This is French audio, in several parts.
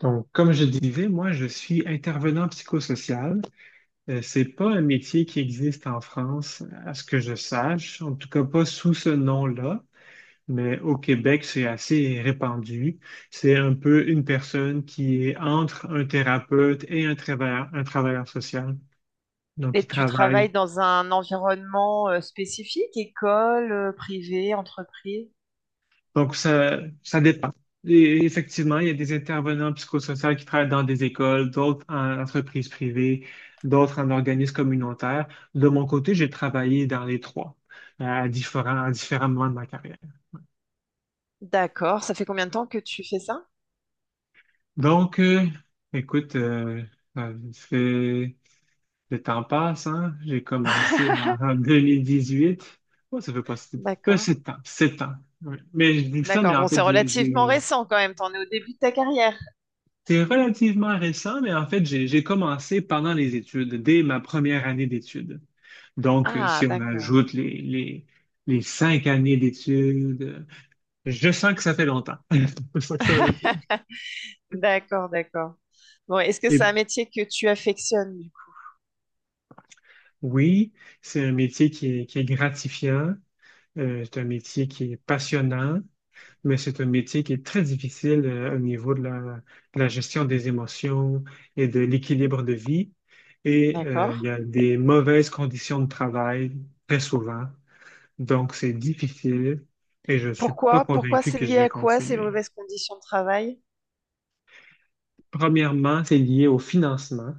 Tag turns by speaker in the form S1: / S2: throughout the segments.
S1: Donc, comme je disais, moi, je suis intervenant psychosocial. C'est pas un métier qui existe en France, à ce que je sache, en tout cas pas sous ce nom-là, mais au Québec, c'est assez répandu. C'est un peu une personne qui est entre un thérapeute et un travailleur social. Donc, il
S2: Et tu
S1: travaille.
S2: travailles dans un environnement spécifique, école, privée, entreprise?
S1: Donc, ça dépend. Et effectivement, il y a des intervenants psychosociaux qui travaillent dans des écoles, d'autres en entreprises privées, d'autres en organismes communautaires. De mon côté, j'ai travaillé dans les trois, à différents moments de ma carrière.
S2: D'accord. Ça fait combien de temps que tu fais ça?
S1: Donc, euh, écoute, ça fait- le temps passe, hein? J'ai commencé en 2018. Ouais, ça fait pas si, pas
S2: D'accord.
S1: si de temps, 7 ans. Oui. Mais je dis ça, mais
S2: D'accord.
S1: en
S2: Bon, c'est
S1: fait,
S2: relativement récent quand même. T'en es au début de ta carrière.
S1: C'est relativement récent, mais en fait, j'ai commencé pendant les études, dès ma première année d'études. Donc,
S2: Ah,
S1: si on
S2: d'accord.
S1: ajoute les 5 années d'études, je sens que ça fait longtemps. Je sens que ça veut dire.
S2: D'accord, d'accord. Bon, est-ce que
S1: Et
S2: c'est un métier que tu affectionnes, du coup?
S1: oui, c'est un métier qui est gratifiant, c'est un métier qui est passionnant, mais c'est un métier qui est très difficile au niveau de de la gestion des émotions et de l'équilibre de vie. Et
S2: D'accord.
S1: il y a des mauvaises conditions de travail très souvent. Donc, c'est difficile et je ne suis pas
S2: Pourquoi? Pourquoi
S1: convaincu
S2: c'est
S1: que je
S2: lié
S1: vais
S2: à quoi ces
S1: continuer.
S2: mauvaises conditions de travail?
S1: Premièrement, c'est lié au financement.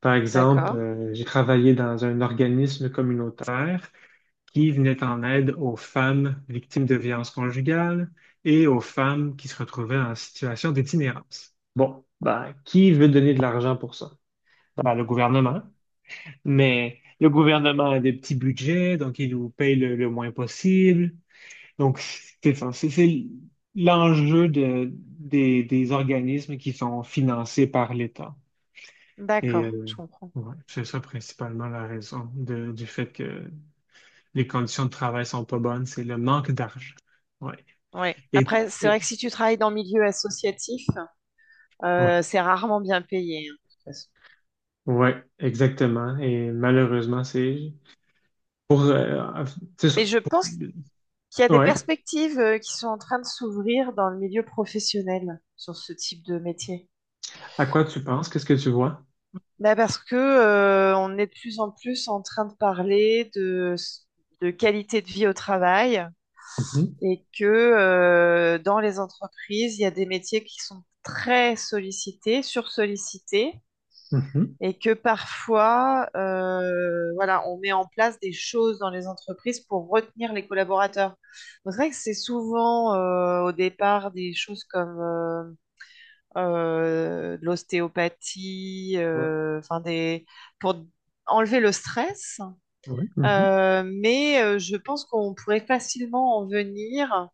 S1: Par exemple,
S2: D'accord.
S1: j'ai travaillé dans un organisme communautaire qui venait en aide aux femmes victimes de violences conjugales et aux femmes qui se retrouvaient en situation d'itinérance. Bon, ben, qui veut donner de l'argent pour ça? Ben, le gouvernement. Mais le gouvernement a des petits budgets, donc il nous paye le moins possible. Donc, c'est ça, c'est l'enjeu des organismes qui sont financés par l'État. Et
S2: D'accord, je comprends.
S1: ouais, c'est ça principalement la raison du fait que les conditions de travail sont pas bonnes, c'est le manque d'argent. Ouais.
S2: Ouais.
S1: Et,
S2: Après, c'est
S1: et-
S2: vrai que si tu travailles dans le milieu associatif,
S1: ouais,
S2: C'est rarement bien payé, hein, de toute façon.
S1: ouais, exactement. Et malheureusement, c'est pour, c'est ça.
S2: Mais je pense qu'il y a des
S1: Ouais.
S2: perspectives qui sont en train de s'ouvrir dans le milieu professionnel sur ce type de métier.
S1: À quoi tu penses? Qu'est-ce que tu vois?
S2: Bah, parce que on est de plus en plus en train de parler de qualité de vie au travail
S1: Mhm,
S2: et que dans les entreprises, il y a des métiers qui sont très sollicités, sursollicités
S1: mhm.
S2: et que parfois, voilà, on met en place des choses dans les entreprises pour retenir les collaborateurs. Donc, c'est vrai que c'est souvent au départ des choses comme de l'ostéopathie,
S1: Ouais,
S2: enfin des pour enlever le stress.
S1: ouais, mhm,
S2: Mais je pense qu'on pourrait facilement en venir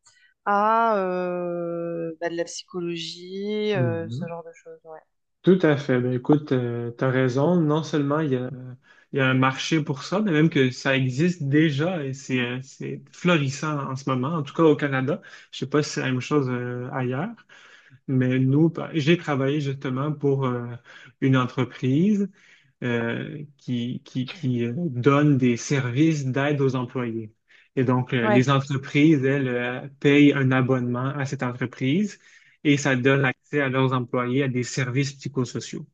S2: à bah, de la psychologie, ce
S1: mhm.
S2: genre de choses. Ouais,
S1: Tout à fait. Ben, écoute, tu as raison. Non seulement il y a un marché pour ça, mais même que ça existe déjà et c'est florissant en ce moment, en tout cas au Canada. Je sais pas si c'est la même chose ailleurs. Mais nous, j'ai travaillé justement pour une entreprise qui donne des services d'aide aux employés. Et donc, les
S2: ouais,
S1: entreprises, elles, payent un abonnement à cette entreprise et ça donne accès à leurs employés à des services psychosociaux.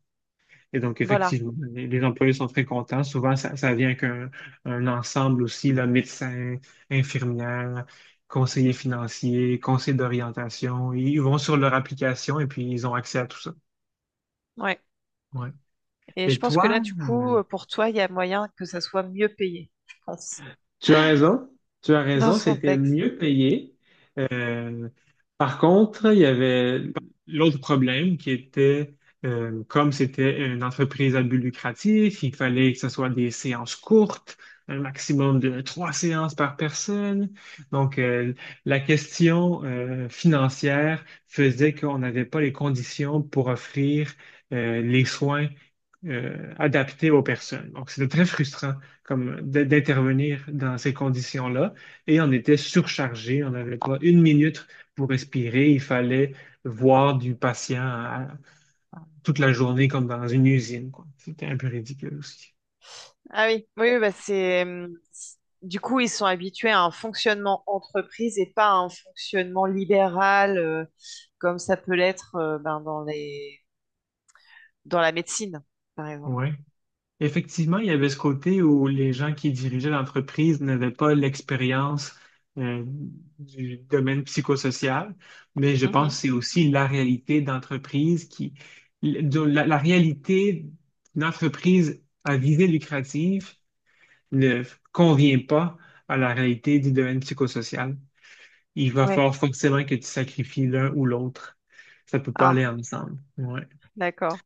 S1: Et donc,
S2: voilà.
S1: effectivement, les employés sont très contents. Souvent, ça vient avec un ensemble aussi, là, médecin, infirmière, conseiller financier, conseiller d'orientation. Ils vont sur leur application et puis ils ont accès à tout ça.
S2: Ouais.
S1: Ouais.
S2: Et je
S1: Et
S2: pense que
S1: toi,
S2: là, du coup, pour toi, il y a moyen que ça soit mieux payé, je pense,
S1: tu as raison. Tu as
S2: dans
S1: raison,
S2: ce
S1: c'était
S2: contexte.
S1: mieux payé. Euh, par contre, il y avait l'autre problème qui était, comme c'était une entreprise à but lucratif, il fallait que ce soit des séances courtes, un maximum de 3 séances par personne. Donc, la question, financière faisait qu'on n'avait pas les conditions pour offrir, les soins, adaptés aux personnes. Donc, c'était très frustrant comme d'intervenir dans ces conditions-là et on était surchargé. On avait quoi, une minute pour respirer. Il fallait voir du toute la journée comme dans une usine, quoi. C'était un peu ridicule aussi.
S2: Ah oui, oui, oui, bah c'est du coup, ils sont habitués à un fonctionnement entreprise et pas à un fonctionnement libéral, comme ça peut l'être ben, dans les dans la médecine, par exemple.
S1: Ouais. Effectivement, il y avait ce côté où les gens qui dirigeaient l'entreprise n'avaient pas l'expérience euh, du domaine psychosocial, mais je pense que
S2: Mhm.
S1: c'est aussi la réalité d'entreprise qui, la réalité d'une entreprise à visée lucrative ne convient pas à la réalité du domaine psychosocial, il va
S2: Oui.
S1: falloir forcément que tu sacrifies l'un ou l'autre. Ça peut pas aller
S2: Ah,
S1: ensemble. Ouais.
S2: d'accord.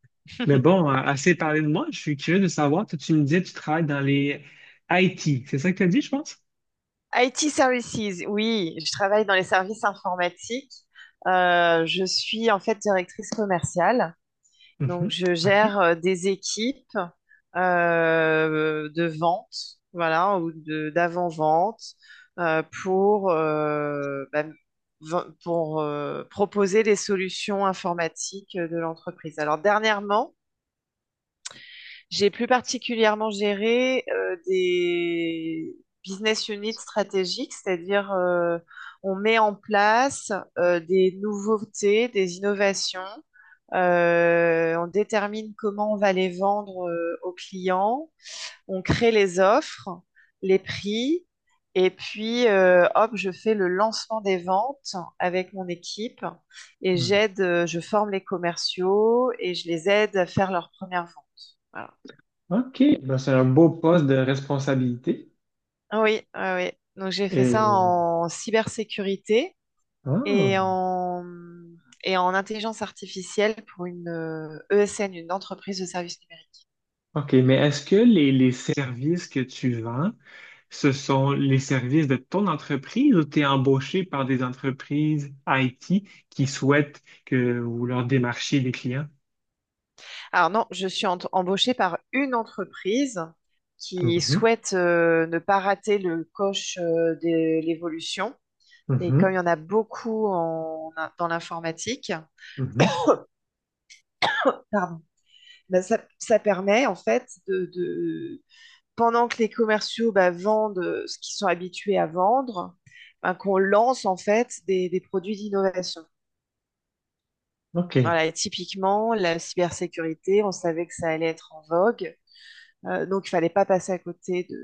S1: Mais bon, assez parlé de moi, je suis curieux de savoir, toi, tu me disais, que tu travailles dans les IT. C'est ça que tu as dit, je pense?
S2: IT Services, oui, je travaille dans les services informatiques. Je suis en fait directrice commerciale. Donc,
S1: Mhm.
S2: je
S1: OK.
S2: gère des équipes de vente, voilà, ou de d'avant-vente euh, pour, euh, bah, pour proposer les solutions informatiques de l'entreprise. Alors, dernièrement, j'ai plus particulièrement géré des business units stratégiques, c'est-à-dire on met en place des nouveautés, des innovations, on détermine comment on va les vendre aux clients, on crée les offres, les prix, et puis hop, je fais le lancement des ventes avec mon équipe et
S1: Hmm.
S2: je forme les commerciaux et je les aide à faire leur première vente. Voilà.
S1: OK. Ben, c'est un beau poste de responsabilité.
S2: Oui, ouais, ouais. Donc j'ai fait ça
S1: Et...
S2: en cybersécurité et
S1: Ah.
S2: en, et en intelligence artificielle pour une ESN, une entreprise de services numériques.
S1: OK. Mais est-ce que les services que tu vends, ce sont les services de ton entreprise ou tu es embauché par des entreprises IT qui souhaitent que vous leur démarchiez des clients?
S2: Alors non, je suis embauchée par une entreprise qui
S1: Mhm,
S2: souhaite ne pas rater le coche de l'évolution. Et comme il
S1: mhm,
S2: y en a beaucoup dans l'informatique,
S1: mhm.
S2: pardon, ben, ça permet en fait de, pendant que les commerciaux bah, vendent ce qu'ils sont habitués à vendre, bah, qu'on lance en fait des produits d'innovation.
S1: OK.
S2: Voilà, et typiquement, la cybersécurité, on savait que ça allait être en vogue. Donc, il fallait pas passer à côté de,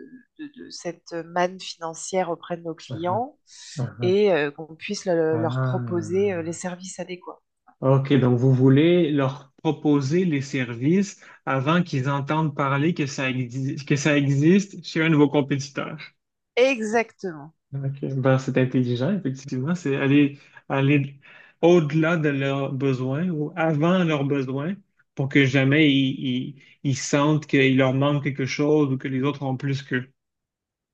S2: de cette manne financière auprès de nos
S1: Ah,
S2: clients
S1: ah.
S2: et qu'on puisse leur proposer les
S1: Ah.
S2: services adéquats.
S1: OK, donc vous voulez leur proposer les services avant qu'ils entendent parler que ça existe chez un de vos compétiteurs.
S2: Exactement.
S1: OK. Ben, c'est intelligent, effectivement. C'est aller, aller au-delà de leurs besoins ou avant leurs besoins pour que jamais ils sentent qu'il leur manque quelque chose ou que les autres ont plus qu'eux.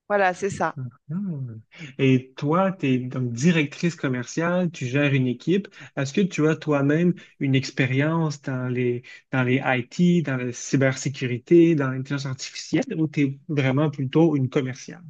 S2: Voilà, c'est ça.
S1: Mhm. Et toi, tu es donc directrice commerciale, tu gères une équipe. Est-ce que tu as toi-même une expérience dans dans les IT, dans la cybersécurité, dans l'intelligence artificielle ou tu es vraiment plutôt une commerciale?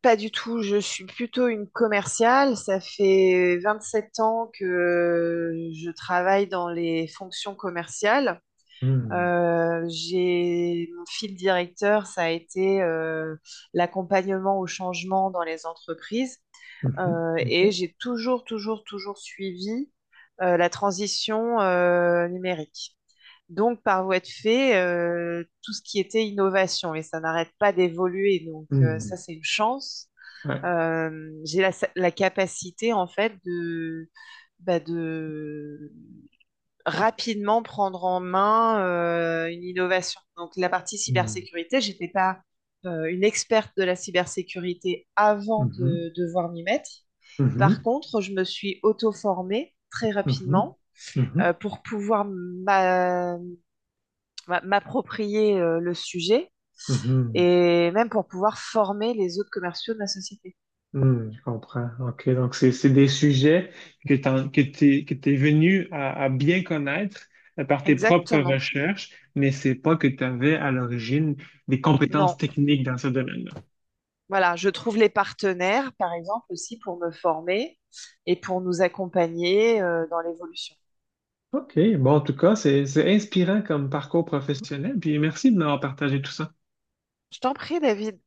S2: Pas du tout, je suis plutôt une commerciale. Ça fait 27 ans que je travaille dans les fonctions commerciales.
S1: Hmm.
S2: J'ai mon fil directeur, ça a été l'accompagnement au changement dans les entreprises.
S1: Mhm.
S2: Et
S1: OK.
S2: j'ai toujours suivi la transition numérique. Donc, par voie de fait, tout ce qui était innovation, et ça n'arrête pas d'évoluer, donc ça, c'est une chance.
S1: Ouais.
S2: J'ai la, la capacité en fait de, bah, de rapidement prendre en main une innovation. Donc la partie
S1: Mhm.
S2: cybersécurité, j'étais pas une experte de la cybersécurité avant
S1: Mhm.
S2: de devoir m'y mettre. Par
S1: Mhm.
S2: contre, je me suis auto-formée très
S1: Mhm.
S2: rapidement
S1: Mhm.
S2: pour pouvoir m'approprier le sujet
S1: Mhm.
S2: et même pour pouvoir former les autres commerciaux de la société.
S1: Mhm. Je comprends. OK. Donc, c'est des sujets que t'es venu à bien connaître par tes propres
S2: Exactement.
S1: recherches, mais c'est pas que tu avais à l'origine des compétences
S2: Non,
S1: techniques dans ce domaine-là.
S2: voilà, je trouve les partenaires, par exemple, aussi pour me former et pour nous accompagner dans l'évolution.
S1: OK. Bon, en tout cas, c'est inspirant comme parcours professionnel. Puis merci de m'avoir partagé tout ça.
S2: Je t'en prie, David.